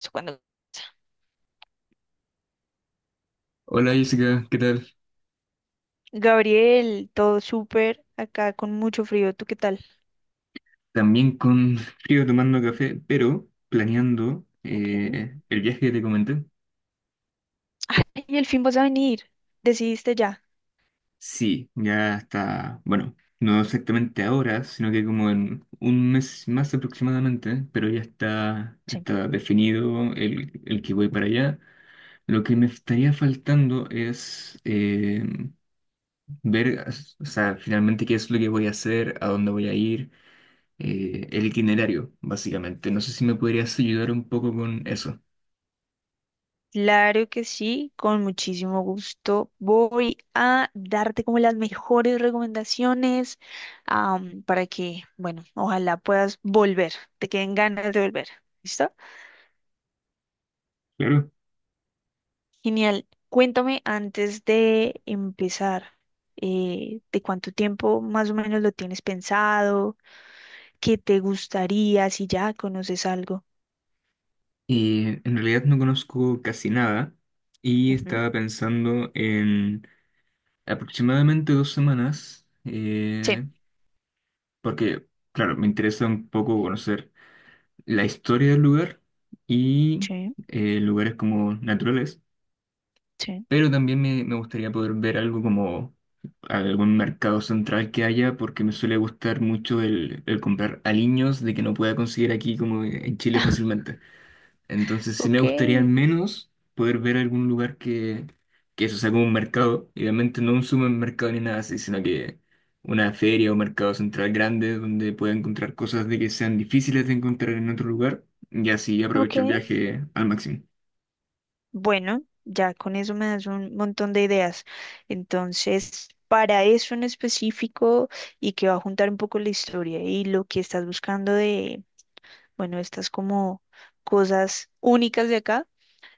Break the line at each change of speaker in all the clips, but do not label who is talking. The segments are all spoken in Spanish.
Eso cuando-
Hola Jessica, ¿qué tal?
Gabriel, todo súper, acá con mucho frío, ¿tú qué tal?
También con frío tomando café, pero planeando
Ok.
el viaje que te comenté.
Ay, el fin vas a venir, decidiste ya.
Sí, ya está, bueno, no exactamente ahora, sino que como en un mes más aproximadamente, pero ya está,
Sí.
está definido el que voy para allá. Lo que me estaría faltando es ver, o sea, finalmente qué es lo que voy a hacer, a dónde voy a ir el itinerario, básicamente. No sé si me podrías ayudar un poco con eso.
Claro que sí, con muchísimo gusto. Voy a darte como las mejores recomendaciones, para que, bueno, ojalá puedas volver, te queden ganas de volver. ¿Listo?
Claro.
Genial. Cuéntame antes de empezar, ¿de cuánto tiempo más o menos lo tienes pensado? Que te gustaría si ya conoces algo?
Y en realidad no conozco casi nada y
Ujú.
estaba pensando en aproximadamente 2 semanas,
Sí.
porque, claro, me interesa un poco conocer la historia del lugar y
Sí,
lugares como naturales,
sí.
pero también me gustaría poder ver algo como algún mercado central que haya, porque me suele gustar mucho el comprar aliños de que no pueda conseguir aquí como en Chile fácilmente. Entonces sí me
Ok,
gustaría al menos poder ver algún lugar que eso sea como un mercado, idealmente no un supermercado ni nada así, sino que una feria o mercado central grande donde pueda encontrar cosas de que sean difíciles de encontrar en otro lugar y así
ok.
aprovecho el viaje al máximo.
Bueno, ya con eso me das un montón de ideas. Entonces, para eso en específico y que va a juntar un poco la historia y lo que estás buscando de, bueno, estas como cosas únicas de acá,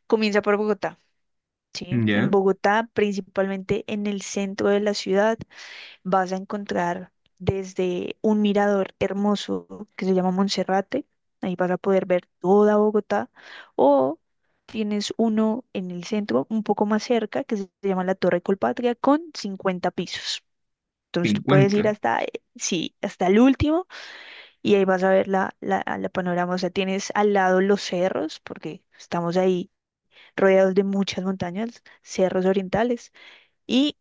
comienza por Bogotá, ¿sí? En
¿Ya?
Bogotá, principalmente en el centro de la ciudad, vas a encontrar desde un mirador hermoso que se llama Monserrate. Ahí vas a poder ver toda Bogotá, o tienes uno en el centro, un poco más cerca, que se llama la Torre Colpatria, con 50 pisos. Entonces tú puedes ir
50.
hasta, sí, hasta el último y ahí vas a ver la panorama. O sea, tienes al lado los cerros, porque estamos ahí rodeados de muchas montañas, cerros orientales, y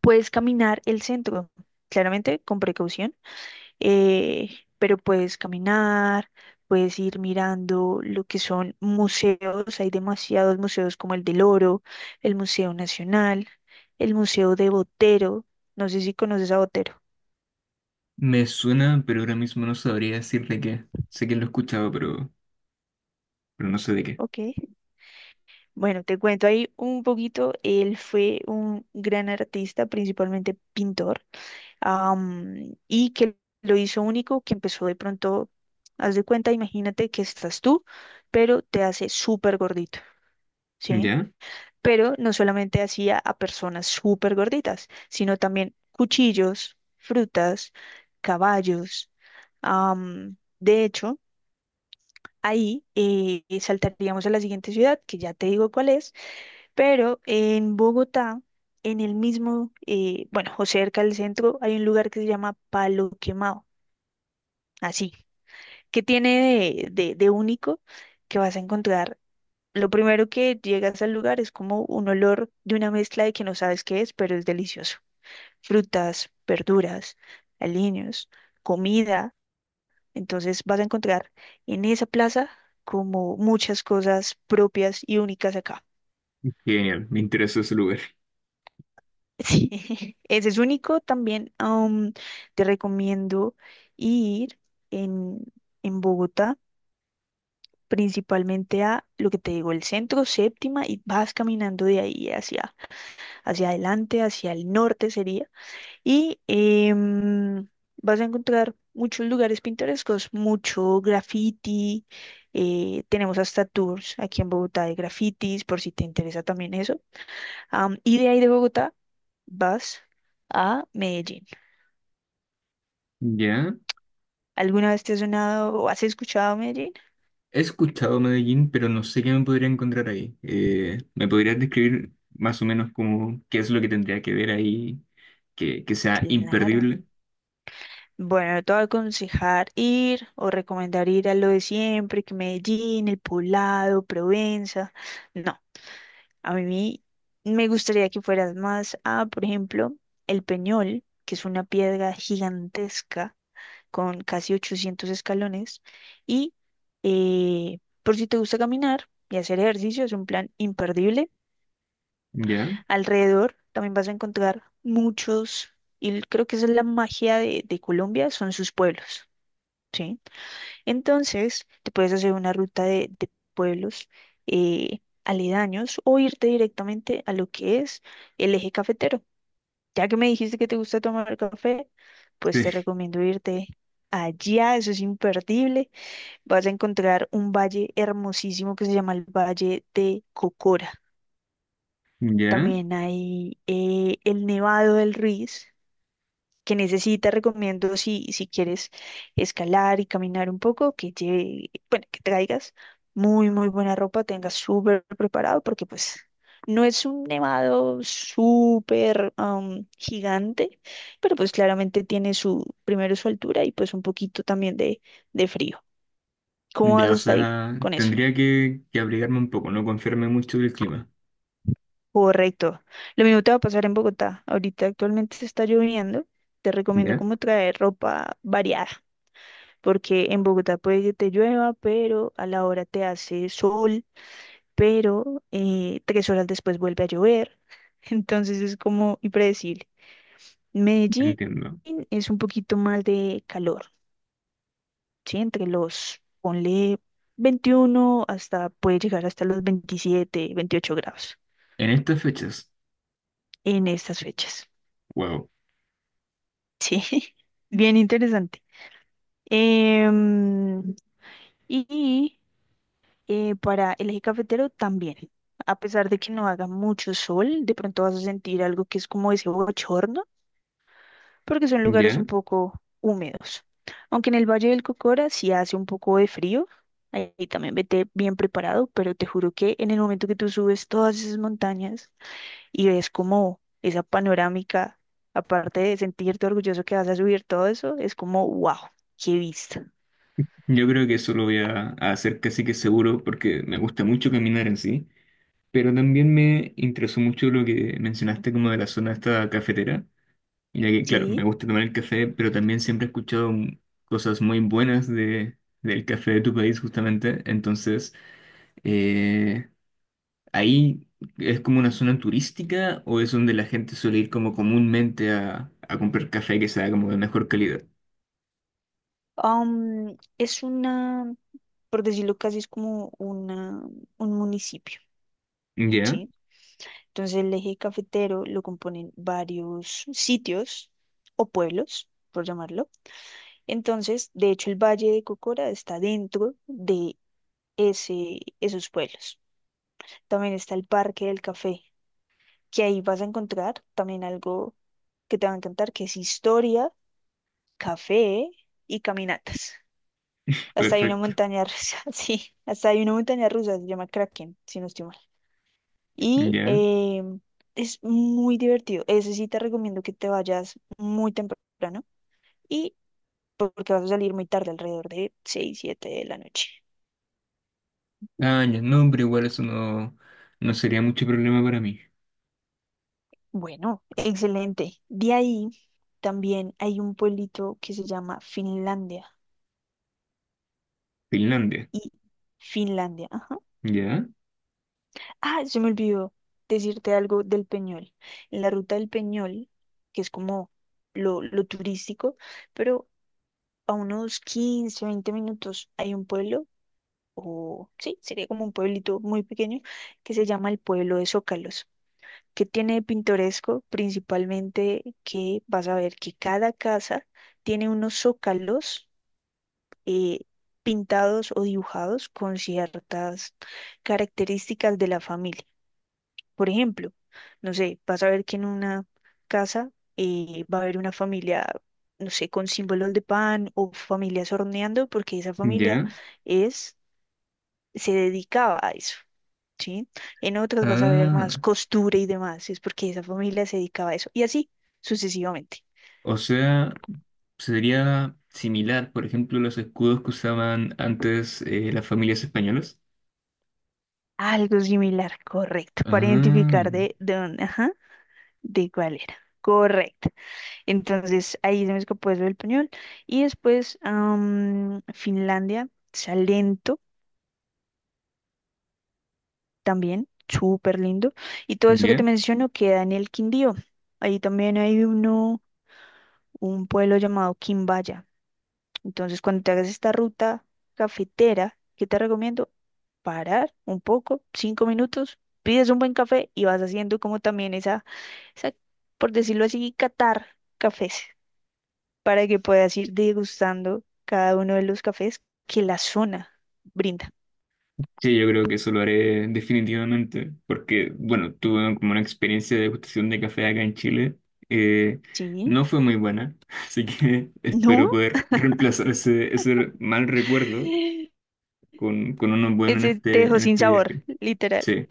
puedes caminar el centro, claramente con precaución, eh, pero puedes caminar, puedes ir mirando lo que son museos. Hay demasiados museos como el del Oro, el Museo Nacional, el Museo de Botero. No sé si conoces a Botero.
Me suena, pero ahora mismo no sabría decir de qué. Sé que lo he escuchado, pero no sé de qué.
Ok. Bueno, te cuento ahí un poquito. Él fue un gran artista, principalmente pintor. Y que lo hizo único, que empezó de pronto, haz de cuenta, imagínate que estás tú, pero te hace súper gordito, ¿sí?
¿Ya?
Pero no solamente hacía a personas súper gorditas, sino también cuchillos, frutas, caballos. De hecho, ahí saltaríamos a la siguiente ciudad, que ya te digo cuál es, pero en Bogotá, en el mismo, bueno, o cerca del centro, hay un lugar que se llama Palo Quemado. Así. ¿Qué tiene de único que vas a encontrar? Lo primero que llegas al lugar es como un olor de una mezcla de que no sabes qué es, pero es delicioso. Frutas, verduras, aliños, comida. Entonces vas a encontrar en esa plaza como muchas cosas propias y únicas acá.
Genial, me interesa ese lugar.
Sí, ese es único también. Te recomiendo ir en, Bogotá. Principalmente a lo que te digo, el centro, séptima, y vas caminando de ahí hacia, hacia adelante, hacia el norte sería. Y vas a encontrar muchos lugares pintorescos, mucho graffiti. Tenemos hasta tours aquí en Bogotá de grafitis, por si te interesa también eso. Y de ahí de Bogotá vas a Medellín.
¿Ya?
¿Alguna vez te has sonado o has escuchado Medellín?
He escuchado Medellín, pero no sé qué me podría encontrar ahí. ¿Me podrías describir más o menos como qué es lo que tendría que ver ahí que sea
Claro.
imperdible?
Bueno, yo te voy a aconsejar ir o recomendar ir a lo de siempre, que Medellín, El Poblado, Provenza. No, a mí me gustaría que fueras más a, por ejemplo, El Peñol, que es una piedra gigantesca con casi 800 escalones. Y por si te gusta caminar y hacer ejercicio, es un plan imperdible.
¿Ya?
Alrededor también vas a encontrar muchos, y creo que esa es la magia de, Colombia, son sus pueblos. ¿Sí? Entonces, te puedes hacer una ruta de, pueblos aledaños o irte directamente a lo que es el eje cafetero. Ya que me dijiste que te gusta tomar café, pues
Sí.
te recomiendo irte allá, eso es imperdible. Vas a encontrar un valle hermosísimo que se llama el Valle de Cocora.
¿Ya?
También hay el Nevado del Ruiz, que necesita, recomiendo si, si quieres escalar y caminar un poco, que lleve, bueno, que traigas muy, muy buena ropa, tengas súper preparado, porque pues no es un nevado súper gigante, pero pues claramente tiene su, primero su altura y pues un poquito también de, frío. ¿Cómo vas
Ya,
a
o
estar ahí
sea,
con eso?
tendría que abrigarme un poco, no confiarme mucho del clima.
Correcto. Lo mismo te va a pasar en Bogotá. Ahorita actualmente se está lloviendo. Te recomiendo
¿Ya?
como traer ropa variada porque en Bogotá puede que te llueva, pero a la hora te hace sol, pero 3 horas después vuelve a llover. Entonces es como impredecible. Medellín
Entiendo.
es un poquito más de calor, ¿sí? Entre los, ponle 21 hasta, puede llegar hasta los 27, 28 grados
En estas fechas,
en estas fechas.
wow.
Sí, bien interesante. Em, y para el eje cafetero también. A pesar de que no haga mucho sol, de pronto vas a sentir algo que es como ese bochorno, porque son lugares
¿Ya?
un poco húmedos. Aunque en el Valle del Cocora sí hace un poco de frío, ahí también vete bien preparado, pero te juro que en el momento que tú subes todas esas montañas y ves como esa panorámica, aparte de sentirte orgulloso que vas a subir todo eso, es como, wow, qué vista.
Yo creo que eso lo voy a hacer casi que seguro porque me gusta mucho caminar en sí, pero también me interesó mucho lo que mencionaste como de la zona esta cafetera. Mira que, claro, me
Sí,
gusta tomar el café, pero también siempre he escuchado cosas muy buenas de, del café de tu país, justamente. Entonces, eh, ¿ahí es como una zona turística o es donde la gente suele ir como comúnmente a comprar café que sea como de mejor calidad?
es una... Por decirlo casi, es como una, un municipio,
Ya,
¿sí? Entonces el eje cafetero lo componen varios sitios o pueblos, por llamarlo. Entonces, de hecho, el Valle de Cocora está dentro de ese, esos pueblos. También está el Parque del Café, que ahí vas a encontrar también algo que te va a encantar, que es historia, café y caminatas. Hasta hay una
perfecto.
montaña rusa, sí, hasta hay una montaña rusa, se llama Kraken, si no estoy mal. Y
Ya.
es muy divertido. Ese sí te recomiendo que te vayas muy temprano y porque vas a salir muy tarde, alrededor de 6 o 7 de la noche.
Ah, ya, no, pero igual eso no, no sería mucho problema para mí.
Bueno, excelente. De ahí también hay un pueblito que se llama Finlandia.
Finlandia.
Y Finlandia, ajá.
Ya,
Ah, se me olvidó decirte algo del Peñol. En la ruta del Peñol, que es como lo, turístico, pero a unos 15 o 20 minutos hay un pueblo o sí, sería como un pueblito muy pequeño que se llama el pueblo de Zócalos. Que tiene de pintoresco? Principalmente que vas a ver que cada casa tiene unos zócalos eh, pintados o dibujados con ciertas características de la familia. Por ejemplo, no sé, vas a ver que en una casa va a haber una familia, no sé, con símbolos de pan o familias horneando, porque esa familia
ya.
es, se dedicaba a eso. ¿Sí? En otras vas a ver más
Ah,
costura y demás, si es porque esa familia se dedicaba a eso, y así sucesivamente.
o sea. Sería similar, por ejemplo, los escudos que usaban antes las familias españolas.
Algo similar, correcto, para
Ah,
identificar de, dónde, ajá, de cuál era. Correcto. Entonces ahí se me escapó eso del pañol. Y después Finlandia, Salento también, súper lindo. Y todo eso que te
¿ya?
menciono queda en el Quindío. Ahí también hay uno, un pueblo llamado Quimbaya. Entonces, cuando te hagas esta ruta cafetera, ¿qué te recomiendo? Parar un poco, 5 minutos, pides un buen café y vas haciendo como también esa, por decirlo así, catar cafés, para que puedas ir degustando cada uno de los cafés que la zona brinda.
Sí, yo creo que eso lo haré definitivamente, porque, bueno, tuve como una experiencia de degustación de café acá en Chile. eh,
¿Sí?
no fue muy buena, así que
¿No?
espero poder reemplazar ese, ese mal recuerdo con uno bueno
Ese te dejó
en
sin
este
sabor,
viaje.
literal.
Sí.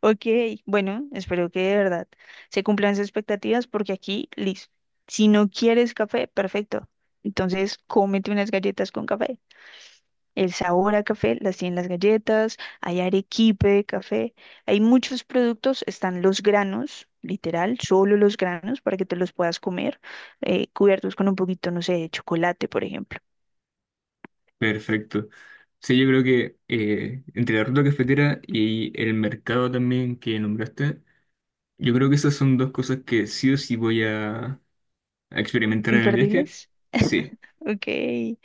Ok, bueno, espero que de verdad se cumplan sus expectativas porque aquí, listo. Si no quieres café, perfecto. Entonces, cómete unas galletas con café. El sabor a café las tienen las galletas, hay arequipe de café, hay muchos productos, están los granos, literal, solo los granos para que te los puedas comer, cubiertos con un poquito, no sé, de chocolate, por ejemplo.
Perfecto. Sí, yo creo que entre la ruta cafetera y el mercado también que nombraste, yo creo que esas son dos cosas que sí o sí voy a experimentar en el viaje.
Imperdibles.
Sí.
Ok.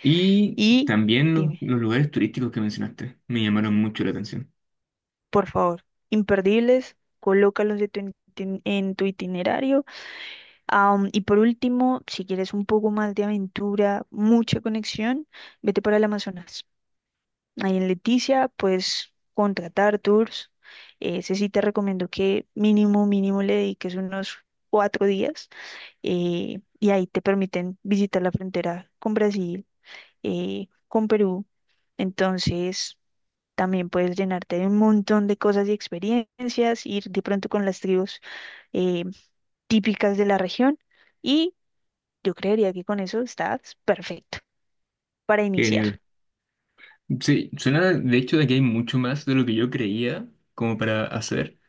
Y
Y
también los,
dime.
los lugares turísticos que mencionaste me llamaron mucho la atención.
Por favor, imperdibles, colócalos de en tu itinerario. Y por último, si quieres un poco más de aventura, mucha conexión, vete para el Amazonas. Ahí en Leticia puedes contratar tours. Ese sí te recomiendo que mínimo, mínimo le dediques unos 4 días y ahí te permiten visitar la frontera con Brasil, con Perú. Entonces... También puedes llenarte de un montón de cosas y experiencias, ir de pronto con las tribus eh, típicas de la región y yo creería que con eso estás perfecto para iniciar.
Genial. Sí, suena de hecho de que hay mucho más de lo que yo creía como para hacer.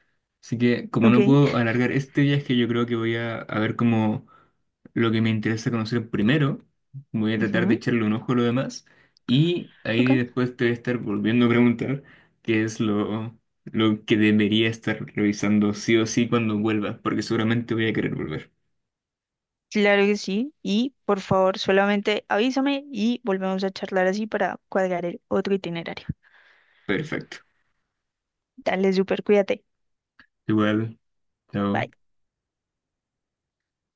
Así que como
¿Ok?
no puedo alargar este viaje, yo creo que voy a ver como lo que me interesa conocer primero. Voy a tratar de
Ujú,
echarle un ojo a lo demás. Y ahí
ok.
después te voy a estar volviendo a preguntar qué es lo que debería estar revisando sí o sí cuando vuelva, porque seguramente voy a querer volver.
Claro que sí. Y por favor, solamente avísame y volvemos a charlar así para cuadrar el otro itinerario.
Perfecto.
Dale, súper, cuídate.
Igual, chao.
Bye.